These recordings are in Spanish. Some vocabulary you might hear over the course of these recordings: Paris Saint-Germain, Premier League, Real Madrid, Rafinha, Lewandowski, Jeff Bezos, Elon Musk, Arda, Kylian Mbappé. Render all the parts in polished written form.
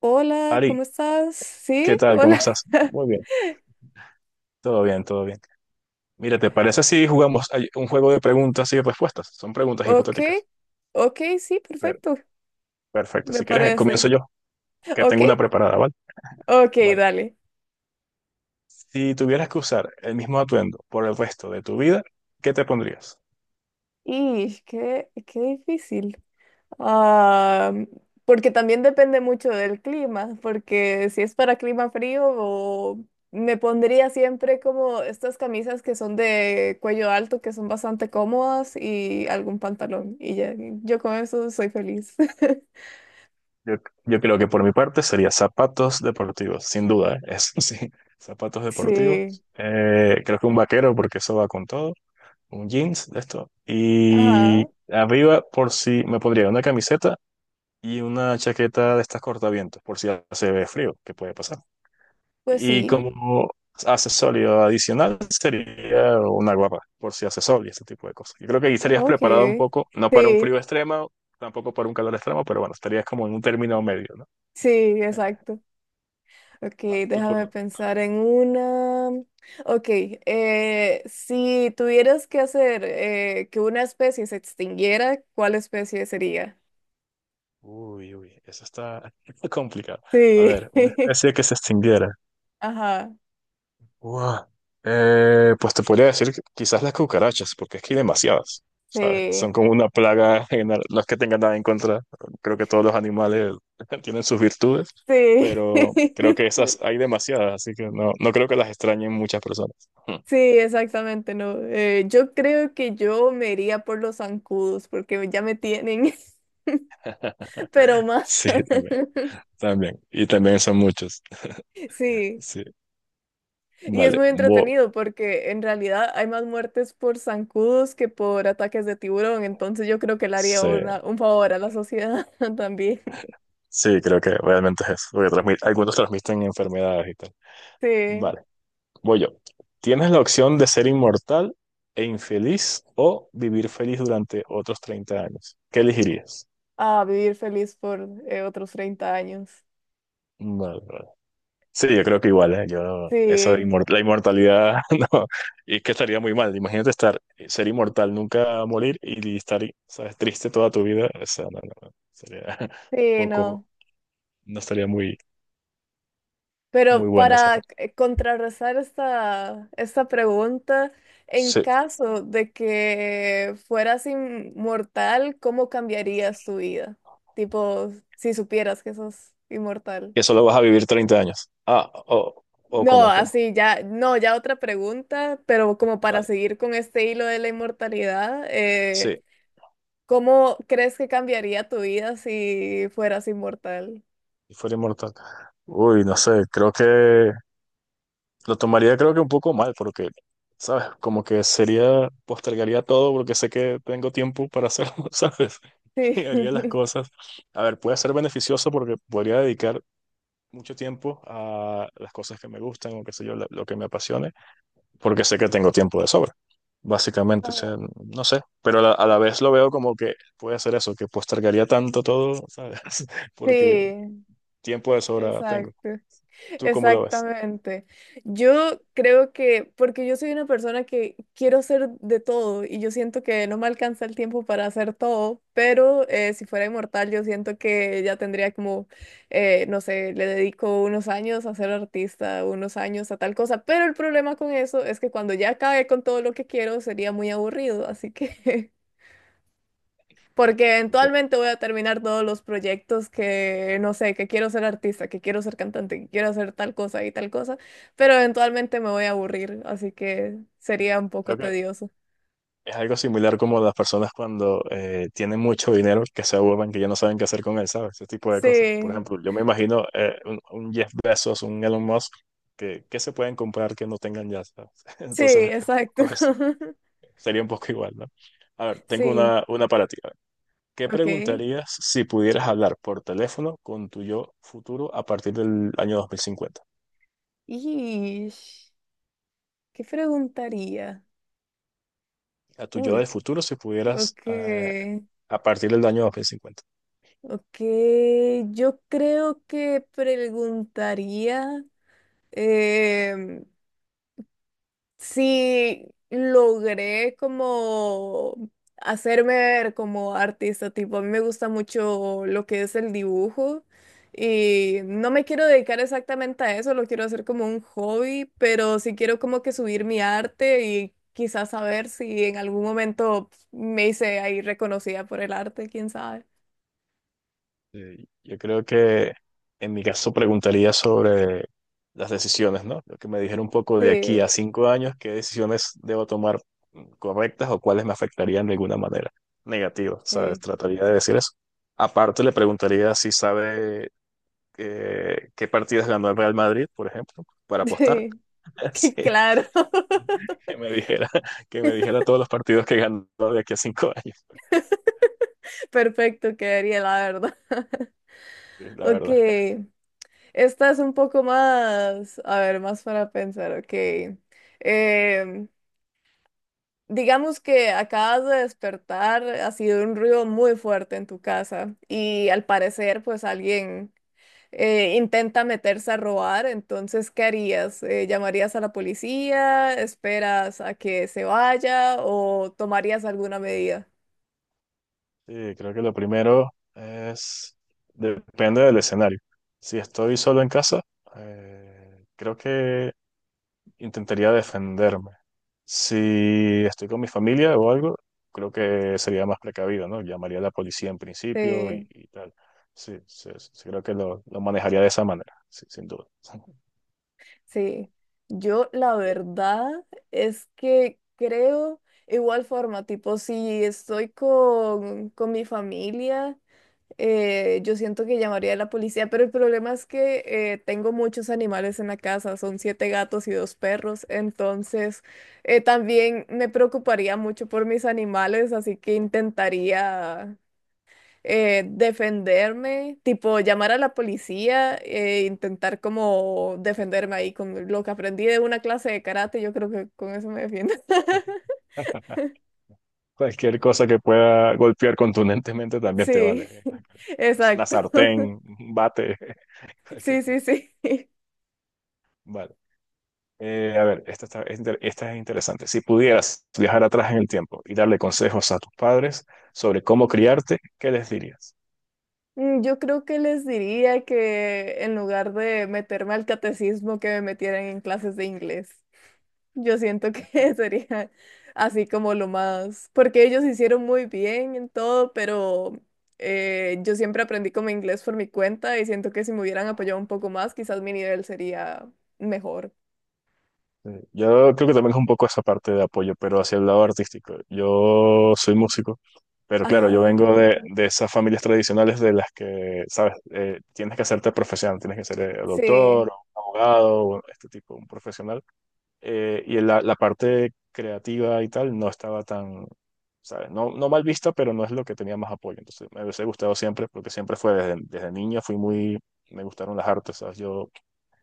Hola, Ari, ¿cómo estás? ¿qué Sí, tal? ¿Cómo hola. estás? Muy bien, todo bien, todo bien. Mira, ¿te parece si jugamos un juego de preguntas y respuestas? Son preguntas Ok, hipotéticas. ok, sí, Per- perfecto, perfecto, me si quieres, parece. comienzo yo, que Ok, tengo una preparada, ¿vale? ok, Vale. dale. Si tuvieras que usar el mismo atuendo por el resto de tu vida, ¿qué te pondrías? Y qué, qué difícil. Ah, porque también depende mucho del clima, porque si es para clima frío, o me pondría siempre como estas camisas que son de cuello alto, que son bastante cómodas, y algún pantalón. Y ya, yo con eso soy feliz. Yo, yo creo que por mi parte sería zapatos deportivos, sin duda, ¿eh? Eso sí, zapatos deportivos. Sí, Creo que un vaquero, porque eso va con todo. Un jeans, de esto. Y ajá, arriba, por si me pondría una camiseta y una chaqueta de estas cortavientos, por si hace ve frío, que puede pasar. pues Y sí. como accesorio adicional sería una guapa, por si hace sol y ese tipo de cosas. Yo creo que ahí estarías Ok, preparado un poco, no para un sí, frío extremo, tampoco para un calor extremo, pero bueno, estarías como en un término medio, ¿no? sí, exacto. Ok, Vale, tu déjame turno. pensar en una. Ok, si tuvieras que hacer que una especie se extinguiera, ¿cuál especie sería? Uy, uy, eso está complicado. A Sí, ver, una especie que se extinguiera. ajá, Guau. Pues te podría decir que quizás las cucarachas, porque es que hay demasiadas, ¿sabes? Son sí, como una plaga general. No es que tengan nada en contra, creo que todos los animales tienen sus virtudes, sí, pero creo que esas hay demasiadas, así que no, no creo que las extrañen muchas personas. sí, exactamente, no. Yo creo que yo me iría por los zancudos porque ya me tienen, Hmm. pero más. Sí, también, también. Y también son muchos. Sí. Sí, Y es vale. muy entretenido porque en realidad hay más muertes por zancudos que por ataques de tiburón, entonces yo creo que le haría Sí, un favor a la sociedad también. sí, creo que realmente es eso, porque algunos transmiten enfermedades y tal. Sí, Vale. Voy yo. Tienes la opción de ser inmortal e infeliz o vivir feliz durante otros 30 años. ¿Qué elegirías? a vivir feliz por otros 30 años. Vale, vale. Sí, yo creo que Y- igual, ¿eh? Yo, eso, Sí, la inmortalidad, no, y es que estaría muy mal. Imagínate estar, ser inmortal, nunca morir y estar, ¿sabes?, triste toda tu vida. O sea, no, no, no, sería sí, poco, no. no estaría muy, Pero muy buena esa para parte. Contrarrestar esta pregunta, en Sí, caso de que fueras inmortal, ¿cómo cambiarías tu vida? Tipo, si supieras que sos inmortal. que solo vas a vivir 30 años. Ah, o No, como. así ya, no, ya otra pregunta, pero como para Vale, seguir con este hilo de la inmortalidad, sí. ¿cómo crees que cambiaría tu vida si fueras inmortal? Y fuera inmortal. Uy, no sé, creo que lo tomaría creo que un poco mal porque, ¿sabes? Como que sería, postergaría todo porque sé que tengo tiempo para hacerlo, ¿sabes? Sí, Y haría las cosas. A ver, puede ser beneficioso porque podría dedicar mucho tiempo a las cosas que me gustan o qué sé yo, lo que me apasione, porque sé que tengo tiempo de sobra, básicamente. O sea, no sé, pero a la vez lo veo como que puede ser eso, que postergaría tanto todo, ¿sabes? Porque sí, tiempo de sobra tengo. exacto. ¿Tú cómo lo ves? Exactamente. Yo creo que, porque yo soy una persona que quiero hacer de todo y yo siento que no me alcanza el tiempo para hacer todo, pero si fuera inmortal yo siento que ya tendría como, no sé, le dedico unos años a ser artista, unos años a tal cosa, pero el problema con eso es que cuando ya acabe con todo lo que quiero sería muy aburrido, así que porque eventualmente voy a terminar todos los proyectos que, no sé, que quiero ser artista, que quiero ser cantante, que quiero hacer tal cosa y tal cosa, pero eventualmente me voy a aburrir, así que sería un poco Creo que tedioso. es algo similar como las personas cuando tienen mucho dinero que se aburren, que ya no saben qué hacer con él, ¿sabes? Ese tipo de cosas. Por Sí, ejemplo, yo me imagino un Jeff Bezos, un Elon Musk, que se pueden comprar que no tengan ya, ¿sabes? sí, Entonces, es un exacto. poco eso. Sería un poco igual, ¿no? A ver, tengo Sí, una para ti. A ver, ¿qué ok. preguntarías si pudieras hablar por teléfono con tu yo futuro a partir del año 2050? Ish, ¿qué preguntaría? A tu yo Uy, del futuro si pudieras ok, a partir del año 2050. ok. Yo creo que preguntaría... em, sí logré como hacerme ver como artista, tipo, a mí me gusta mucho lo que es el dibujo y no me quiero dedicar exactamente a eso, lo quiero hacer como un hobby, pero sí quiero como que subir mi arte y quizás saber si en algún momento me hice ahí reconocida por el arte, quién sabe. Sí, yo creo que en mi caso preguntaría sobre las decisiones, ¿no? Lo que me dijeron un poco de aquí Sí, a 5 años, qué decisiones debo tomar correctas o cuáles me afectarían de alguna manera negativa, ¿sabes? sí, Trataría de decir eso. Aparte, le preguntaría si sabe qué partidas ganó el Real Madrid, por ejemplo, para apostar. sí, que Sí, claro. que me dijera, que me dijera todos los partidos que ganó de aquí a cinco años, Perfecto, quedaría la verdad. sí, la Ok. verdad. Esta es un poco más, a ver, más para pensar, ok. Em, digamos que acabas de despertar, ha sido un ruido muy fuerte en tu casa y al parecer pues alguien intenta meterse a robar, entonces ¿qué harías? ¿Llamarías a la policía? ¿Esperas a que se vaya o tomarías alguna medida? Sí, creo que lo primero es, depende del escenario. Si estoy solo en casa, creo que intentaría defenderme. Si estoy con mi familia o algo, creo que sería más precavido, ¿no? Llamaría a la policía en principio Sí. y tal. Sí, sí, sí, sí, creo que lo manejaría de esa manera, sí, sin duda. Sí, yo la Ya. verdad es que creo igual forma, tipo si estoy con mi familia, yo siento que llamaría a la policía, pero el problema es que tengo muchos animales en la casa, son 7 gatos y 2 perros, entonces también me preocuparía mucho por mis animales, así que intentaría defenderme, tipo llamar a la policía e intentar como defenderme ahí con lo que aprendí de una clase de karate, yo creo que con eso me defiendo. Cualquier cosa que pueda golpear contundentemente también te vale. Sí, Una exacto. sartén, un bate, cualquier Sí, sí, cosa. sí. Vale. A ver, esta es interesante. Si pudieras viajar atrás en el tiempo y darle consejos a tus padres sobre cómo criarte, ¿qué les dirías? Mm, yo creo que les diría que en lugar de meterme al catecismo, que me metieran en clases de inglés. Yo siento que sería así como lo más, porque ellos hicieron muy bien en todo, pero yo siempre aprendí como inglés por mi cuenta y siento que si me hubieran apoyado un poco más, quizás mi nivel sería mejor. Yo creo que también es un poco esa parte de apoyo, pero hacia el lado artístico. Yo soy músico, pero claro, yo Ajá, vengo de esas familias tradicionales de las que, sabes, tienes que hacerte profesional, tienes que ser sí, doctor, abogado, este tipo, un profesional. Y la parte creativa y tal no estaba tan, ¿sabes?, no, no mal vista, pero no es lo que tenía más apoyo. Entonces me hubiese gustado siempre, porque siempre fue desde niño, fui muy, me gustaron las artes, ¿sabes? Yo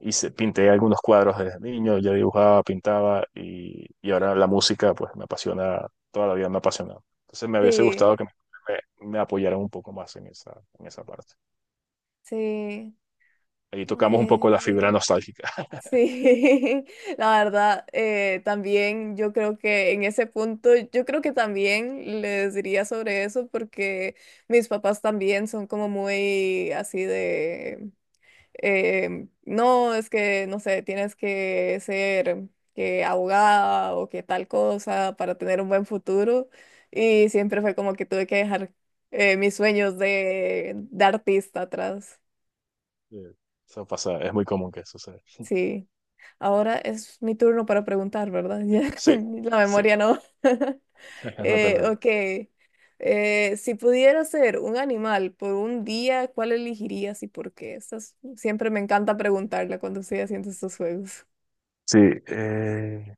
hice, pinté algunos cuadros desde niño, yo dibujaba, pintaba y ahora la música, pues me apasiona, toda la vida me ha apasionado. Entonces me hubiese sí, gustado que me apoyaran un poco más en esa, parte. sí. Ahí A tocamos un poco ver. la fibra nostálgica. Sí, la verdad, también yo creo que en ese punto, yo creo que también les diría sobre eso porque mis papás también son como muy así de, no, es que, no sé, tienes que ser que abogada o que tal cosa para tener un buen futuro y Sí, siempre fue como que tuve que dejar mis sueños de artista atrás, sí. Eso pasa, es muy común que suceda. sí. Ahora es mi turno para preguntar, ¿verdad? Sí, Ya, la sí. memoria no. No te Ok. preocupes. Si pudiera ser un animal por un día, ¿cuál elegirías y por qué? Estas- siempre me encanta preguntarla cuando estoy haciendo estos juegos. Sí, eh,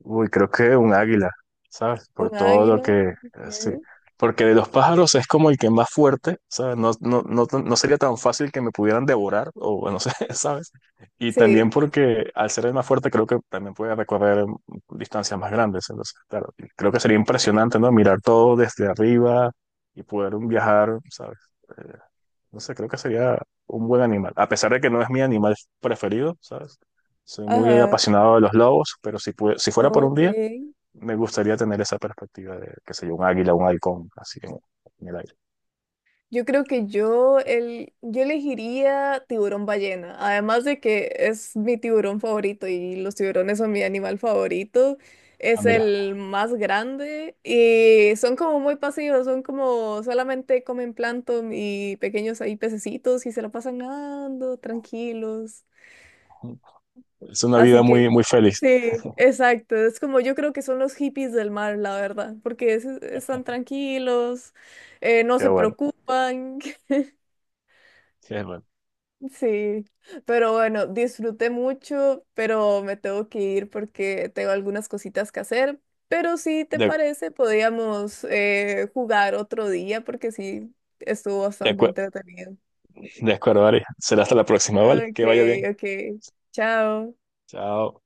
uy, creo que un águila, ¿sabes? ¿Un Por todo lo águila? que, sí. Ok. Porque de los pájaros es como el que más fuerte, ¿sabes? No, no, no, no sería tan fácil que me pudieran devorar, o bueno, no sé, ¿sabes? Y también Sí. porque al ser el más fuerte creo que también puede recorrer distancias más grandes. Entonces, claro, creo que sería Sí. impresionante, ¿no? Mirar todo desde arriba y poder viajar, ¿sabes? Eh, No sé, creo que sería un buen animal. A pesar de que no es mi animal preferido, ¿sabes? Soy muy Ajá. apasionado de los lobos, pero si, si fuera por un Ok. día, me gustaría tener esa perspectiva de, qué sé yo, un águila, un halcón, así en el aire. Yo creo que yo, el, yo elegiría tiburón ballena, además de que es mi tiburón favorito y los tiburones son mi animal favorito, Ah, es mira, el más grande y son como muy pasivos, son como solamente comen plancton y pequeños ahí pececitos y se lo pasan nadando tranquilos. es una Así vida muy, que muy feliz. sí, exacto, es como yo creo que son los hippies del mar, la verdad, porque es- están tranquilos, no Qué se bueno, preocupan. qué bueno. Sí, pero bueno, disfruté mucho, pero me tengo que ir porque tengo algunas cositas que hacer. Pero si te De, parece, podríamos jugar otro día porque sí, estuvo de, bastante acue- entretenido. de acuerdo, Ari. Será hasta la próxima, ¿vale? Ok, Que vaya bien. ok, chao. Chao.